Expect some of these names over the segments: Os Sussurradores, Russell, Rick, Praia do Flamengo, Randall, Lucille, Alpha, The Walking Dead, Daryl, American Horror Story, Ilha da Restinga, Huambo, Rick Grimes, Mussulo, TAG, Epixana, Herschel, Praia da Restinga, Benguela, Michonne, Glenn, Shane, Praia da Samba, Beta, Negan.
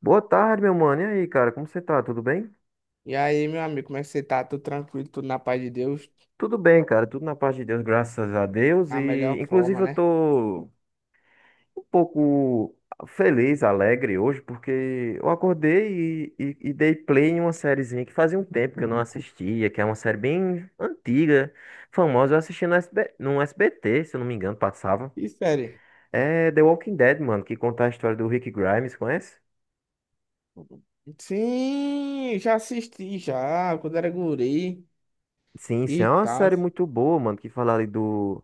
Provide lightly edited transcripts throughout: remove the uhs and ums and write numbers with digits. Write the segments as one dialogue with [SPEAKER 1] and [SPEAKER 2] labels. [SPEAKER 1] Boa tarde, meu mano. E aí, cara, como você tá? Tudo bem?
[SPEAKER 2] E aí, meu amigo, como é que você tá? Tudo tranquilo, tudo na paz de Deus?
[SPEAKER 1] Tudo bem, cara. Tudo na paz de Deus, graças a Deus.
[SPEAKER 2] A
[SPEAKER 1] E,
[SPEAKER 2] melhor forma,
[SPEAKER 1] inclusive, eu
[SPEAKER 2] né?
[SPEAKER 1] tô um pouco feliz, alegre hoje, porque eu acordei e dei play em uma sériezinha que fazia um tempo que eu não assistia, que é uma série bem antiga, famosa. Eu assisti no SB, no SBT, se eu não me engano, passava.
[SPEAKER 2] E série?
[SPEAKER 1] É The Walking Dead, mano, que conta a história do Rick Grimes, conhece?
[SPEAKER 2] Sim, já assisti já, quando era guri
[SPEAKER 1] Sim, sim,
[SPEAKER 2] e
[SPEAKER 1] é uma
[SPEAKER 2] tal.
[SPEAKER 1] série muito boa, mano, que fala ali do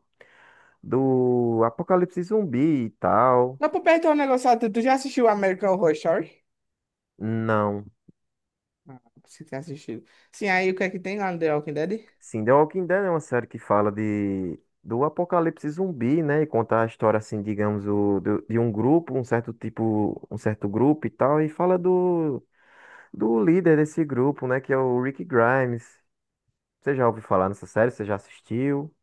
[SPEAKER 1] do Apocalipse Zumbi e tal.
[SPEAKER 2] Não, pra perguntar um negócio, tu já assistiu American Horror Story?
[SPEAKER 1] Não.
[SPEAKER 2] Ah, você tem assistido. Sim, aí o que é que tem lá no The Walking Dead?
[SPEAKER 1] Sim, The Walking Dead é uma série que fala de do Apocalipse Zumbi, né? E conta a história assim, digamos, de um grupo, um certo tipo, um certo grupo e tal, e fala do líder desse grupo, né, que é o Rick Grimes. Você já ouviu falar nessa série? Você já assistiu?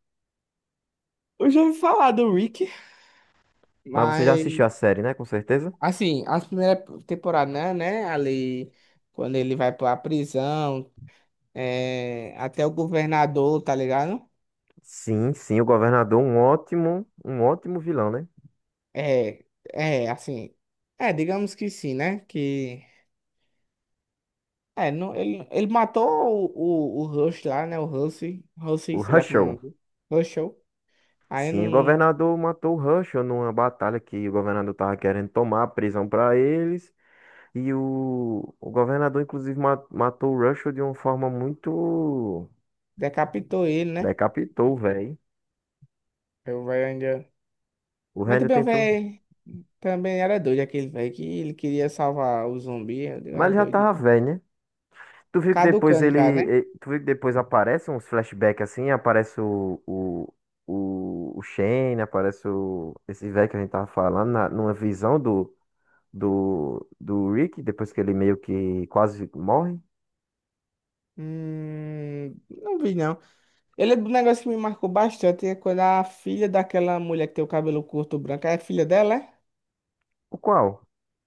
[SPEAKER 2] Eu já ouvi falar do Rick.
[SPEAKER 1] Mas você já
[SPEAKER 2] Mas,
[SPEAKER 1] assistiu a série, né? Com certeza?
[SPEAKER 2] assim, a primeira temporada, né? Ali, quando ele vai pra prisão, é, até o governador, tá ligado?
[SPEAKER 1] Sim, sim, o governador, um ótimo vilão, né?
[SPEAKER 2] É, é, assim. É, digamos que sim, né? Que. É, não, ele matou o Rush lá, né? O Rush. Rush,
[SPEAKER 1] O
[SPEAKER 2] sei lá como é o nome
[SPEAKER 1] Russell.
[SPEAKER 2] dele. Rushou. Aí
[SPEAKER 1] Sim, o
[SPEAKER 2] não
[SPEAKER 1] governador matou o Herschel numa batalha que o governador tava querendo tomar a prisão para eles. E o governador, inclusive, matou o Herschel de uma forma muito.
[SPEAKER 2] decapitou ele, né?
[SPEAKER 1] Decapitou, velho.
[SPEAKER 2] Aí o velho ainda.
[SPEAKER 1] O
[SPEAKER 2] Mas
[SPEAKER 1] Randall
[SPEAKER 2] também o
[SPEAKER 1] tentou.
[SPEAKER 2] velho também era doido, aquele velho que ele queria salvar o zumbi. Eu digo,
[SPEAKER 1] Mas
[SPEAKER 2] ah,
[SPEAKER 1] ele já
[SPEAKER 2] doido.
[SPEAKER 1] tava velho, né? Tu viu que depois
[SPEAKER 2] Caducando já, né?
[SPEAKER 1] Tu viu que depois aparece uns flashbacks assim? Aparece o. O Shane, aparece o, esse velho que a gente tava falando, numa visão do Rick, depois que ele meio que quase morre.
[SPEAKER 2] Não vi, não. Ele é um negócio que me marcou bastante é quando a filha daquela mulher que tem o cabelo curto branco, é a filha dela, é?
[SPEAKER 1] O qual?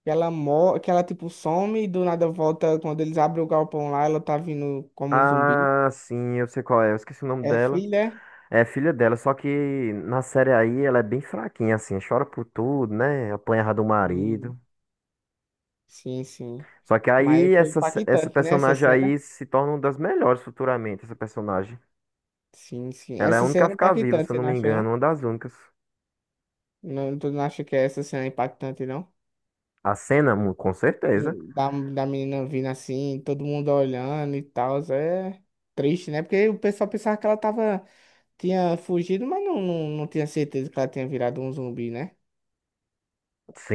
[SPEAKER 2] Que ela morre, que ela tipo some e do nada volta quando eles abrem o galpão lá, ela tá vindo como um zumbi.
[SPEAKER 1] Ah, sim, eu sei qual é. Eu esqueci o nome
[SPEAKER 2] É
[SPEAKER 1] dela.
[SPEAKER 2] filha?
[SPEAKER 1] É filha dela, só que na série aí ela é bem fraquinha, assim, chora por tudo, né? Apanhava do
[SPEAKER 2] Sim,
[SPEAKER 1] marido.
[SPEAKER 2] sim, sim.
[SPEAKER 1] Só que
[SPEAKER 2] Mas
[SPEAKER 1] aí
[SPEAKER 2] foi
[SPEAKER 1] essa
[SPEAKER 2] impactante, né, essa
[SPEAKER 1] personagem
[SPEAKER 2] cena?
[SPEAKER 1] aí se torna uma das melhores futuramente, essa personagem.
[SPEAKER 2] Sim, sim.
[SPEAKER 1] Ela é a
[SPEAKER 2] Essa
[SPEAKER 1] única
[SPEAKER 2] cena
[SPEAKER 1] a
[SPEAKER 2] é
[SPEAKER 1] ficar viva, se
[SPEAKER 2] impactante,
[SPEAKER 1] eu
[SPEAKER 2] você
[SPEAKER 1] não
[SPEAKER 2] não
[SPEAKER 1] me
[SPEAKER 2] acha, não?
[SPEAKER 1] engano, uma das únicas.
[SPEAKER 2] Não, tu não acha que essa cena é impactante, não?
[SPEAKER 1] A cena, com certeza.
[SPEAKER 2] Sim, da menina vindo assim, todo mundo olhando e tal, é triste, né? Porque o pessoal pensava que ela tava, tinha fugido, mas não, não, não tinha certeza que ela tinha virado um zumbi, né?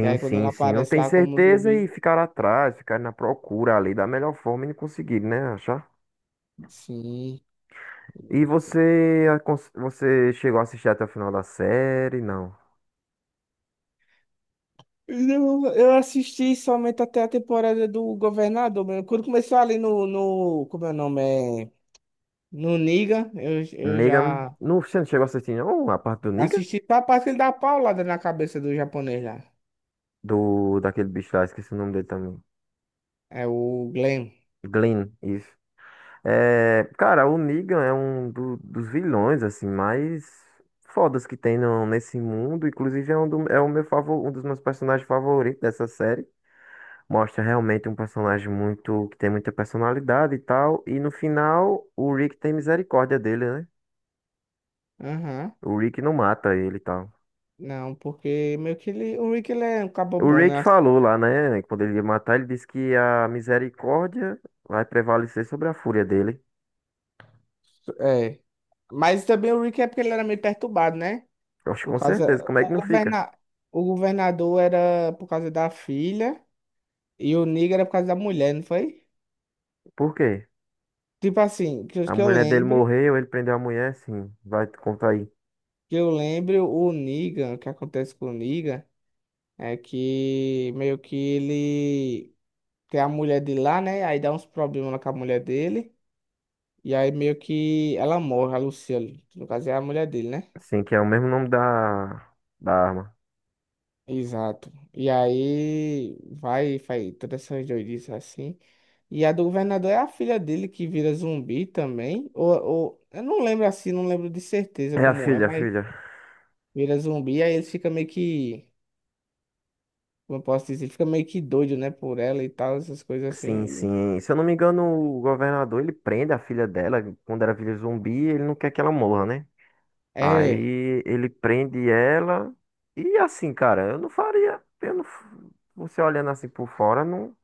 [SPEAKER 2] E aí quando ela
[SPEAKER 1] sim, sim. Não
[SPEAKER 2] aparece
[SPEAKER 1] tem
[SPEAKER 2] lá como um
[SPEAKER 1] certeza e
[SPEAKER 2] zumbi,
[SPEAKER 1] ficar atrás, ficar na procura ali da melhor forma e não conseguir, né? Achar.
[SPEAKER 2] sim.
[SPEAKER 1] E você, você chegou a assistir até o final da série? Não.
[SPEAKER 2] Eu assisti somente até a temporada do Governador mesmo. Quando começou ali no, como é o nome? É, no Niga, eu
[SPEAKER 1] Negan.
[SPEAKER 2] já
[SPEAKER 1] No, você não chegou a assistir, não? A parte do Negan?
[SPEAKER 2] assisti só a parte que ele dá a paulada na cabeça do japonês lá.
[SPEAKER 1] Daquele bicho lá, esqueci o nome dele também.
[SPEAKER 2] É o Glenn.
[SPEAKER 1] Glenn, isso. É, cara, o Negan é um dos vilões, assim, mais fodas que tem no, nesse mundo. Inclusive, é um, é o meu favor, um dos meus personagens favoritos dessa série. Mostra realmente um personagem muito, que tem muita personalidade e tal. E no final, o Rick tem misericórdia dele, né?
[SPEAKER 2] Aham.
[SPEAKER 1] O Rick não mata ele e tal.
[SPEAKER 2] Não, porque meio que ele, o Rick, ele é um cabo
[SPEAKER 1] O
[SPEAKER 2] bom,
[SPEAKER 1] Ray que
[SPEAKER 2] né?
[SPEAKER 1] falou lá, né? Quando ele ia matar, ele disse que a misericórdia vai prevalecer sobre a fúria dele.
[SPEAKER 2] É. Mas também o Rick é porque ele era meio perturbado, né?
[SPEAKER 1] Eu acho que
[SPEAKER 2] Por
[SPEAKER 1] com
[SPEAKER 2] causa.
[SPEAKER 1] certeza. Como é
[SPEAKER 2] O
[SPEAKER 1] que não fica?
[SPEAKER 2] governa... O governador era por causa da filha e o Niga era por causa da mulher, não foi?
[SPEAKER 1] Por quê?
[SPEAKER 2] Tipo assim, que eu,
[SPEAKER 1] A
[SPEAKER 2] que eu
[SPEAKER 1] mulher dele
[SPEAKER 2] lembre,
[SPEAKER 1] morreu, ele prendeu a mulher, sim. Vai te contar aí.
[SPEAKER 2] que eu lembre, o Negan, o que acontece com o Negan, é que meio que ele tem a mulher de lá, né? Aí dá uns problemas lá com a mulher dele, e aí meio que ela morre, a Lucille, que no caso é a mulher dele, né?
[SPEAKER 1] Sim, que é o mesmo nome da arma.
[SPEAKER 2] Exato. E aí vai, faz todas essas doidices assim. E a do governador é a filha dele que vira zumbi também, ou eu não lembro assim, não lembro de certeza
[SPEAKER 1] É a
[SPEAKER 2] como é,
[SPEAKER 1] filha, a
[SPEAKER 2] mas
[SPEAKER 1] filha.
[SPEAKER 2] vira zumbi, aí ele fica meio que, como eu posso dizer, fica meio que doido, né, por ela e tal, essas coisas assim.
[SPEAKER 1] Sim,
[SPEAKER 2] Aí.
[SPEAKER 1] sim. Se eu não me engano, o governador, ele prende a filha dela quando era filha zumbi, ele não quer que ela morra, né?
[SPEAKER 2] É,
[SPEAKER 1] Aí ele prende ela. E assim, cara, eu não faria. Eu não, você olhando assim por fora, não.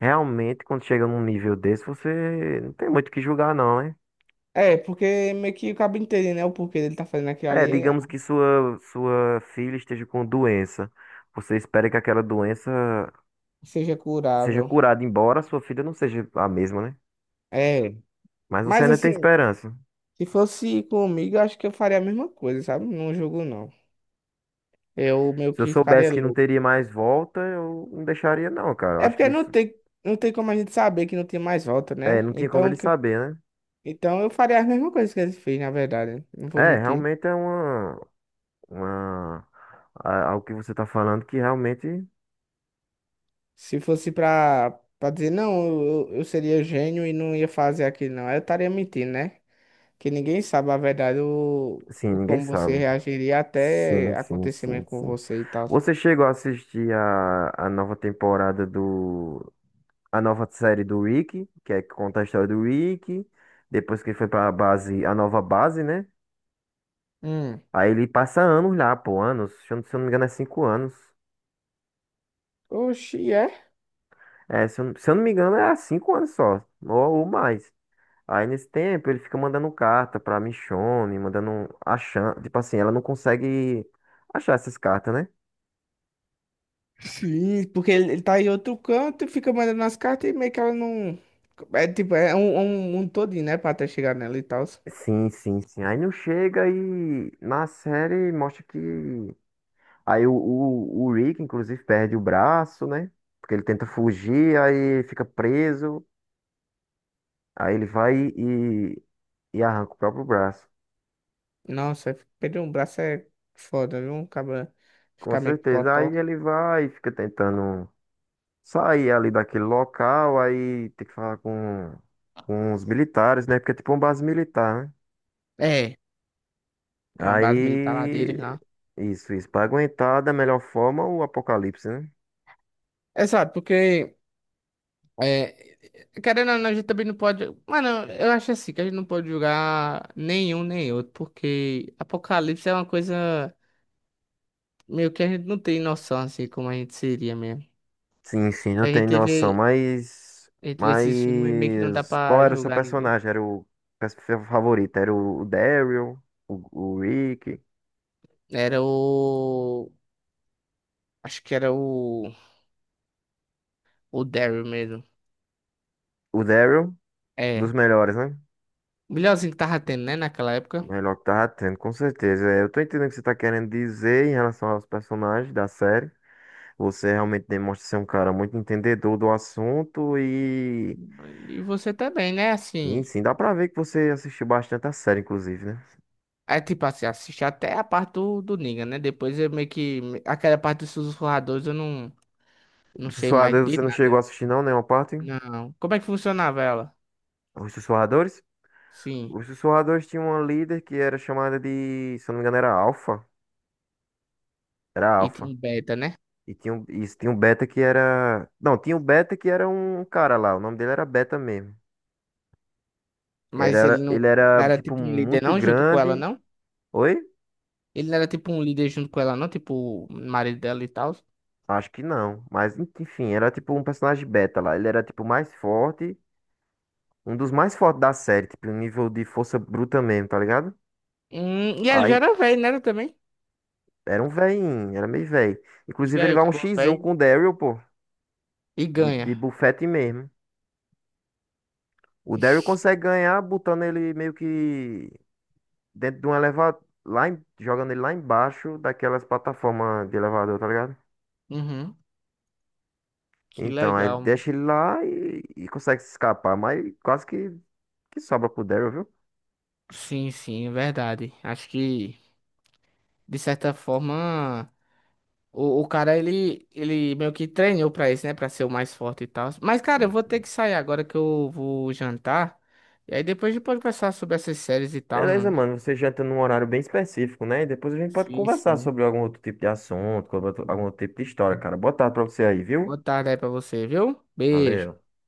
[SPEAKER 1] Realmente, quando chega num nível desse, você não tem muito o que julgar, não, hein?
[SPEAKER 2] é, porque meio que acaba entendendo, né, o porquê dele tá fazendo aquilo
[SPEAKER 1] É,
[SPEAKER 2] ali, é,
[SPEAKER 1] digamos que sua filha esteja com doença. Você espera que aquela doença
[SPEAKER 2] seja
[SPEAKER 1] seja
[SPEAKER 2] curável.
[SPEAKER 1] curada, embora sua filha não seja a mesma, né?
[SPEAKER 2] É,
[SPEAKER 1] Mas você
[SPEAKER 2] mas
[SPEAKER 1] ainda tem
[SPEAKER 2] assim,
[SPEAKER 1] esperança.
[SPEAKER 2] se fosse comigo, eu acho que eu faria a mesma coisa, sabe? Não jogo não. Eu meio
[SPEAKER 1] Se eu
[SPEAKER 2] que ficaria
[SPEAKER 1] soubesse que não
[SPEAKER 2] louco.
[SPEAKER 1] teria mais volta, eu não deixaria, não, cara. Eu
[SPEAKER 2] É
[SPEAKER 1] acho que
[SPEAKER 2] porque não
[SPEAKER 1] isso.
[SPEAKER 2] tem, não tem como a gente saber que não tem mais volta,
[SPEAKER 1] É,
[SPEAKER 2] né?
[SPEAKER 1] não tinha como
[SPEAKER 2] Então,
[SPEAKER 1] ele
[SPEAKER 2] que-,
[SPEAKER 1] saber, né?
[SPEAKER 2] então eu faria a mesma coisa que ele fez, na verdade, não vou
[SPEAKER 1] É,
[SPEAKER 2] mentir.
[SPEAKER 1] realmente é uma. Uma, algo que você está falando que realmente,
[SPEAKER 2] Se fosse pra, pra dizer, não, eu seria gênio e não ia fazer aquilo, não. Eu estaria mentindo, né? Que ninguém sabe a verdade, o,
[SPEAKER 1] sim,
[SPEAKER 2] o
[SPEAKER 1] ninguém
[SPEAKER 2] como você
[SPEAKER 1] sabe.
[SPEAKER 2] reagiria
[SPEAKER 1] Sim,
[SPEAKER 2] até
[SPEAKER 1] sim, sim,
[SPEAKER 2] acontecimento com
[SPEAKER 1] sim.
[SPEAKER 2] você e tal.
[SPEAKER 1] Você chegou a assistir a nova temporada do, a nova série do Rick, que é que conta a história do Rick, depois que ele foi para a base, a nova base, né?
[SPEAKER 2] Hum.
[SPEAKER 1] Aí ele passa anos lá, pô, anos. Se eu não me engano, é cinco anos.
[SPEAKER 2] Oxi, é?
[SPEAKER 1] É, se eu não me engano, é há cinco anos só, ou mais. Aí nesse tempo ele fica mandando carta pra Michonne, mandando achando, tipo assim, ela não consegue achar essas cartas, né?
[SPEAKER 2] Sim, porque ele tá em outro canto e fica mandando as cartas e meio que ela não. É tipo, é um todinho, né? Pra até chegar nela e tal.
[SPEAKER 1] Sim, sim, sim. Aí não chega e na série mostra que aí o Rick inclusive perde o braço, né? Porque ele tenta fugir, aí fica preso, aí ele vai e arranca o próprio braço.
[SPEAKER 2] Nossa, perder um braço é foda, viu? Acaba
[SPEAKER 1] Com
[SPEAKER 2] ficar meio que
[SPEAKER 1] certeza.
[SPEAKER 2] cotó.
[SPEAKER 1] Aí ele vai e fica tentando sair ali daquele local, aí tem que falar com os militares, né? Porque é tipo uma base militar, né?
[SPEAKER 2] É, é uma base militar lá dele
[SPEAKER 1] Aí,
[SPEAKER 2] lá.
[SPEAKER 1] isso, isso. Pra aguentar da melhor forma o apocalipse, né?
[SPEAKER 2] Exato, porque é, querendo ou não, a gente também não pode. Mano, eu acho assim que a gente não pode julgar nenhum nem outro, porque Apocalipse é uma coisa meio que a gente não tem noção assim como a gente seria mesmo.
[SPEAKER 1] Sim, sim, eu
[SPEAKER 2] A
[SPEAKER 1] tenho
[SPEAKER 2] gente
[SPEAKER 1] noção,
[SPEAKER 2] vê,
[SPEAKER 1] mas.
[SPEAKER 2] a gente vê esses filmes e meio que não dá
[SPEAKER 1] Mas. Qual
[SPEAKER 2] pra
[SPEAKER 1] era o seu
[SPEAKER 2] julgar ninguém.
[SPEAKER 1] personagem? Era o pers- favorito? Era o Daryl? O Rick?
[SPEAKER 2] Era o. Acho que era o. O Daryl mesmo.
[SPEAKER 1] O Daryl? Dos
[SPEAKER 2] É.
[SPEAKER 1] melhores, né?
[SPEAKER 2] O melhorzinho que tava tendo, né, naquela época.
[SPEAKER 1] Melhor que tava tendo, com certeza. É, eu tô entendendo o que você tá querendo dizer em relação aos personagens da série. Você realmente demonstra ser um cara muito entendedor do assunto
[SPEAKER 2] E você também, né,
[SPEAKER 1] e
[SPEAKER 2] assim.
[SPEAKER 1] sim, dá pra ver que você assistiu bastante a série, inclusive, né?
[SPEAKER 2] É tipo assim, assisti até a parte do Negan, né? Depois eu meio que. Aquela parte dos sussurradores eu não, não
[SPEAKER 1] Os
[SPEAKER 2] sei mais
[SPEAKER 1] Sussurradores
[SPEAKER 2] de
[SPEAKER 1] você não chegou
[SPEAKER 2] nada.
[SPEAKER 1] a assistir não, nenhuma parte?
[SPEAKER 2] Não. Como é que funcionava ela?
[SPEAKER 1] Os Sussurradores?
[SPEAKER 2] Sim.
[SPEAKER 1] Os Sussurradores tinham uma líder que era chamada de, se eu não me engano, era Alpha. Era
[SPEAKER 2] E tinha
[SPEAKER 1] Alpha.
[SPEAKER 2] um beta, né?
[SPEAKER 1] E tinha um Beta que era... Não, tinha um Beta que era um cara lá, o nome dele era Beta mesmo. Ele
[SPEAKER 2] Mas ele
[SPEAKER 1] era,
[SPEAKER 2] não,
[SPEAKER 1] ele
[SPEAKER 2] não
[SPEAKER 1] era
[SPEAKER 2] era
[SPEAKER 1] tipo,
[SPEAKER 2] tipo um líder,
[SPEAKER 1] muito
[SPEAKER 2] não, junto com ela,
[SPEAKER 1] grande.
[SPEAKER 2] não?
[SPEAKER 1] Oi?
[SPEAKER 2] Ele não era tipo um líder junto com ela, não? Tipo, o marido dela e tal.
[SPEAKER 1] Acho que não. Mas, enfim, era tipo um personagem beta lá. Ele era tipo mais forte. Um dos mais fortes da série. Tipo, um nível de força bruta mesmo, tá ligado?
[SPEAKER 2] E ele já
[SPEAKER 1] Aí
[SPEAKER 2] era velho, né, também?
[SPEAKER 1] era um velhinho, era meio velho. Inclusive,
[SPEAKER 2] Diga
[SPEAKER 1] ele
[SPEAKER 2] aí, o
[SPEAKER 1] vai um
[SPEAKER 2] cabo
[SPEAKER 1] X1 com
[SPEAKER 2] velho
[SPEAKER 1] o Daryl, pô.
[SPEAKER 2] e
[SPEAKER 1] De,
[SPEAKER 2] ganha.
[SPEAKER 1] de bufete mesmo. O Daryl
[SPEAKER 2] Ixi.
[SPEAKER 1] consegue ganhar botando ele meio que dentro de um elevador. Jogando ele lá embaixo daquelas plataformas de elevador, tá ligado?
[SPEAKER 2] Uhum. Que
[SPEAKER 1] Então, aí ele
[SPEAKER 2] legal.
[SPEAKER 1] deixa ele lá e consegue se escapar. Que sobra pro Daryl, viu?
[SPEAKER 2] Sim, sim, é verdade. Acho que, de certa forma. O cara, ele meio que treinou pra isso, né? Pra ser o mais forte e tal. Mas, cara, eu
[SPEAKER 1] Sim.
[SPEAKER 2] vou ter que sair agora que eu vou jantar. E aí depois a gente pode conversar sobre essas séries e tal,
[SPEAKER 1] Beleza,
[SPEAKER 2] mano.
[SPEAKER 1] mano. Você janta num horário bem específico, né? E depois a gente pode
[SPEAKER 2] Sim,
[SPEAKER 1] conversar
[SPEAKER 2] sim.
[SPEAKER 1] sobre algum outro tipo de assunto, sobre algum outro tipo de história, cara. Boa tarde pra você aí, viu?
[SPEAKER 2] Boa tarde aí pra você, viu? Beijo.
[SPEAKER 1] Valeu.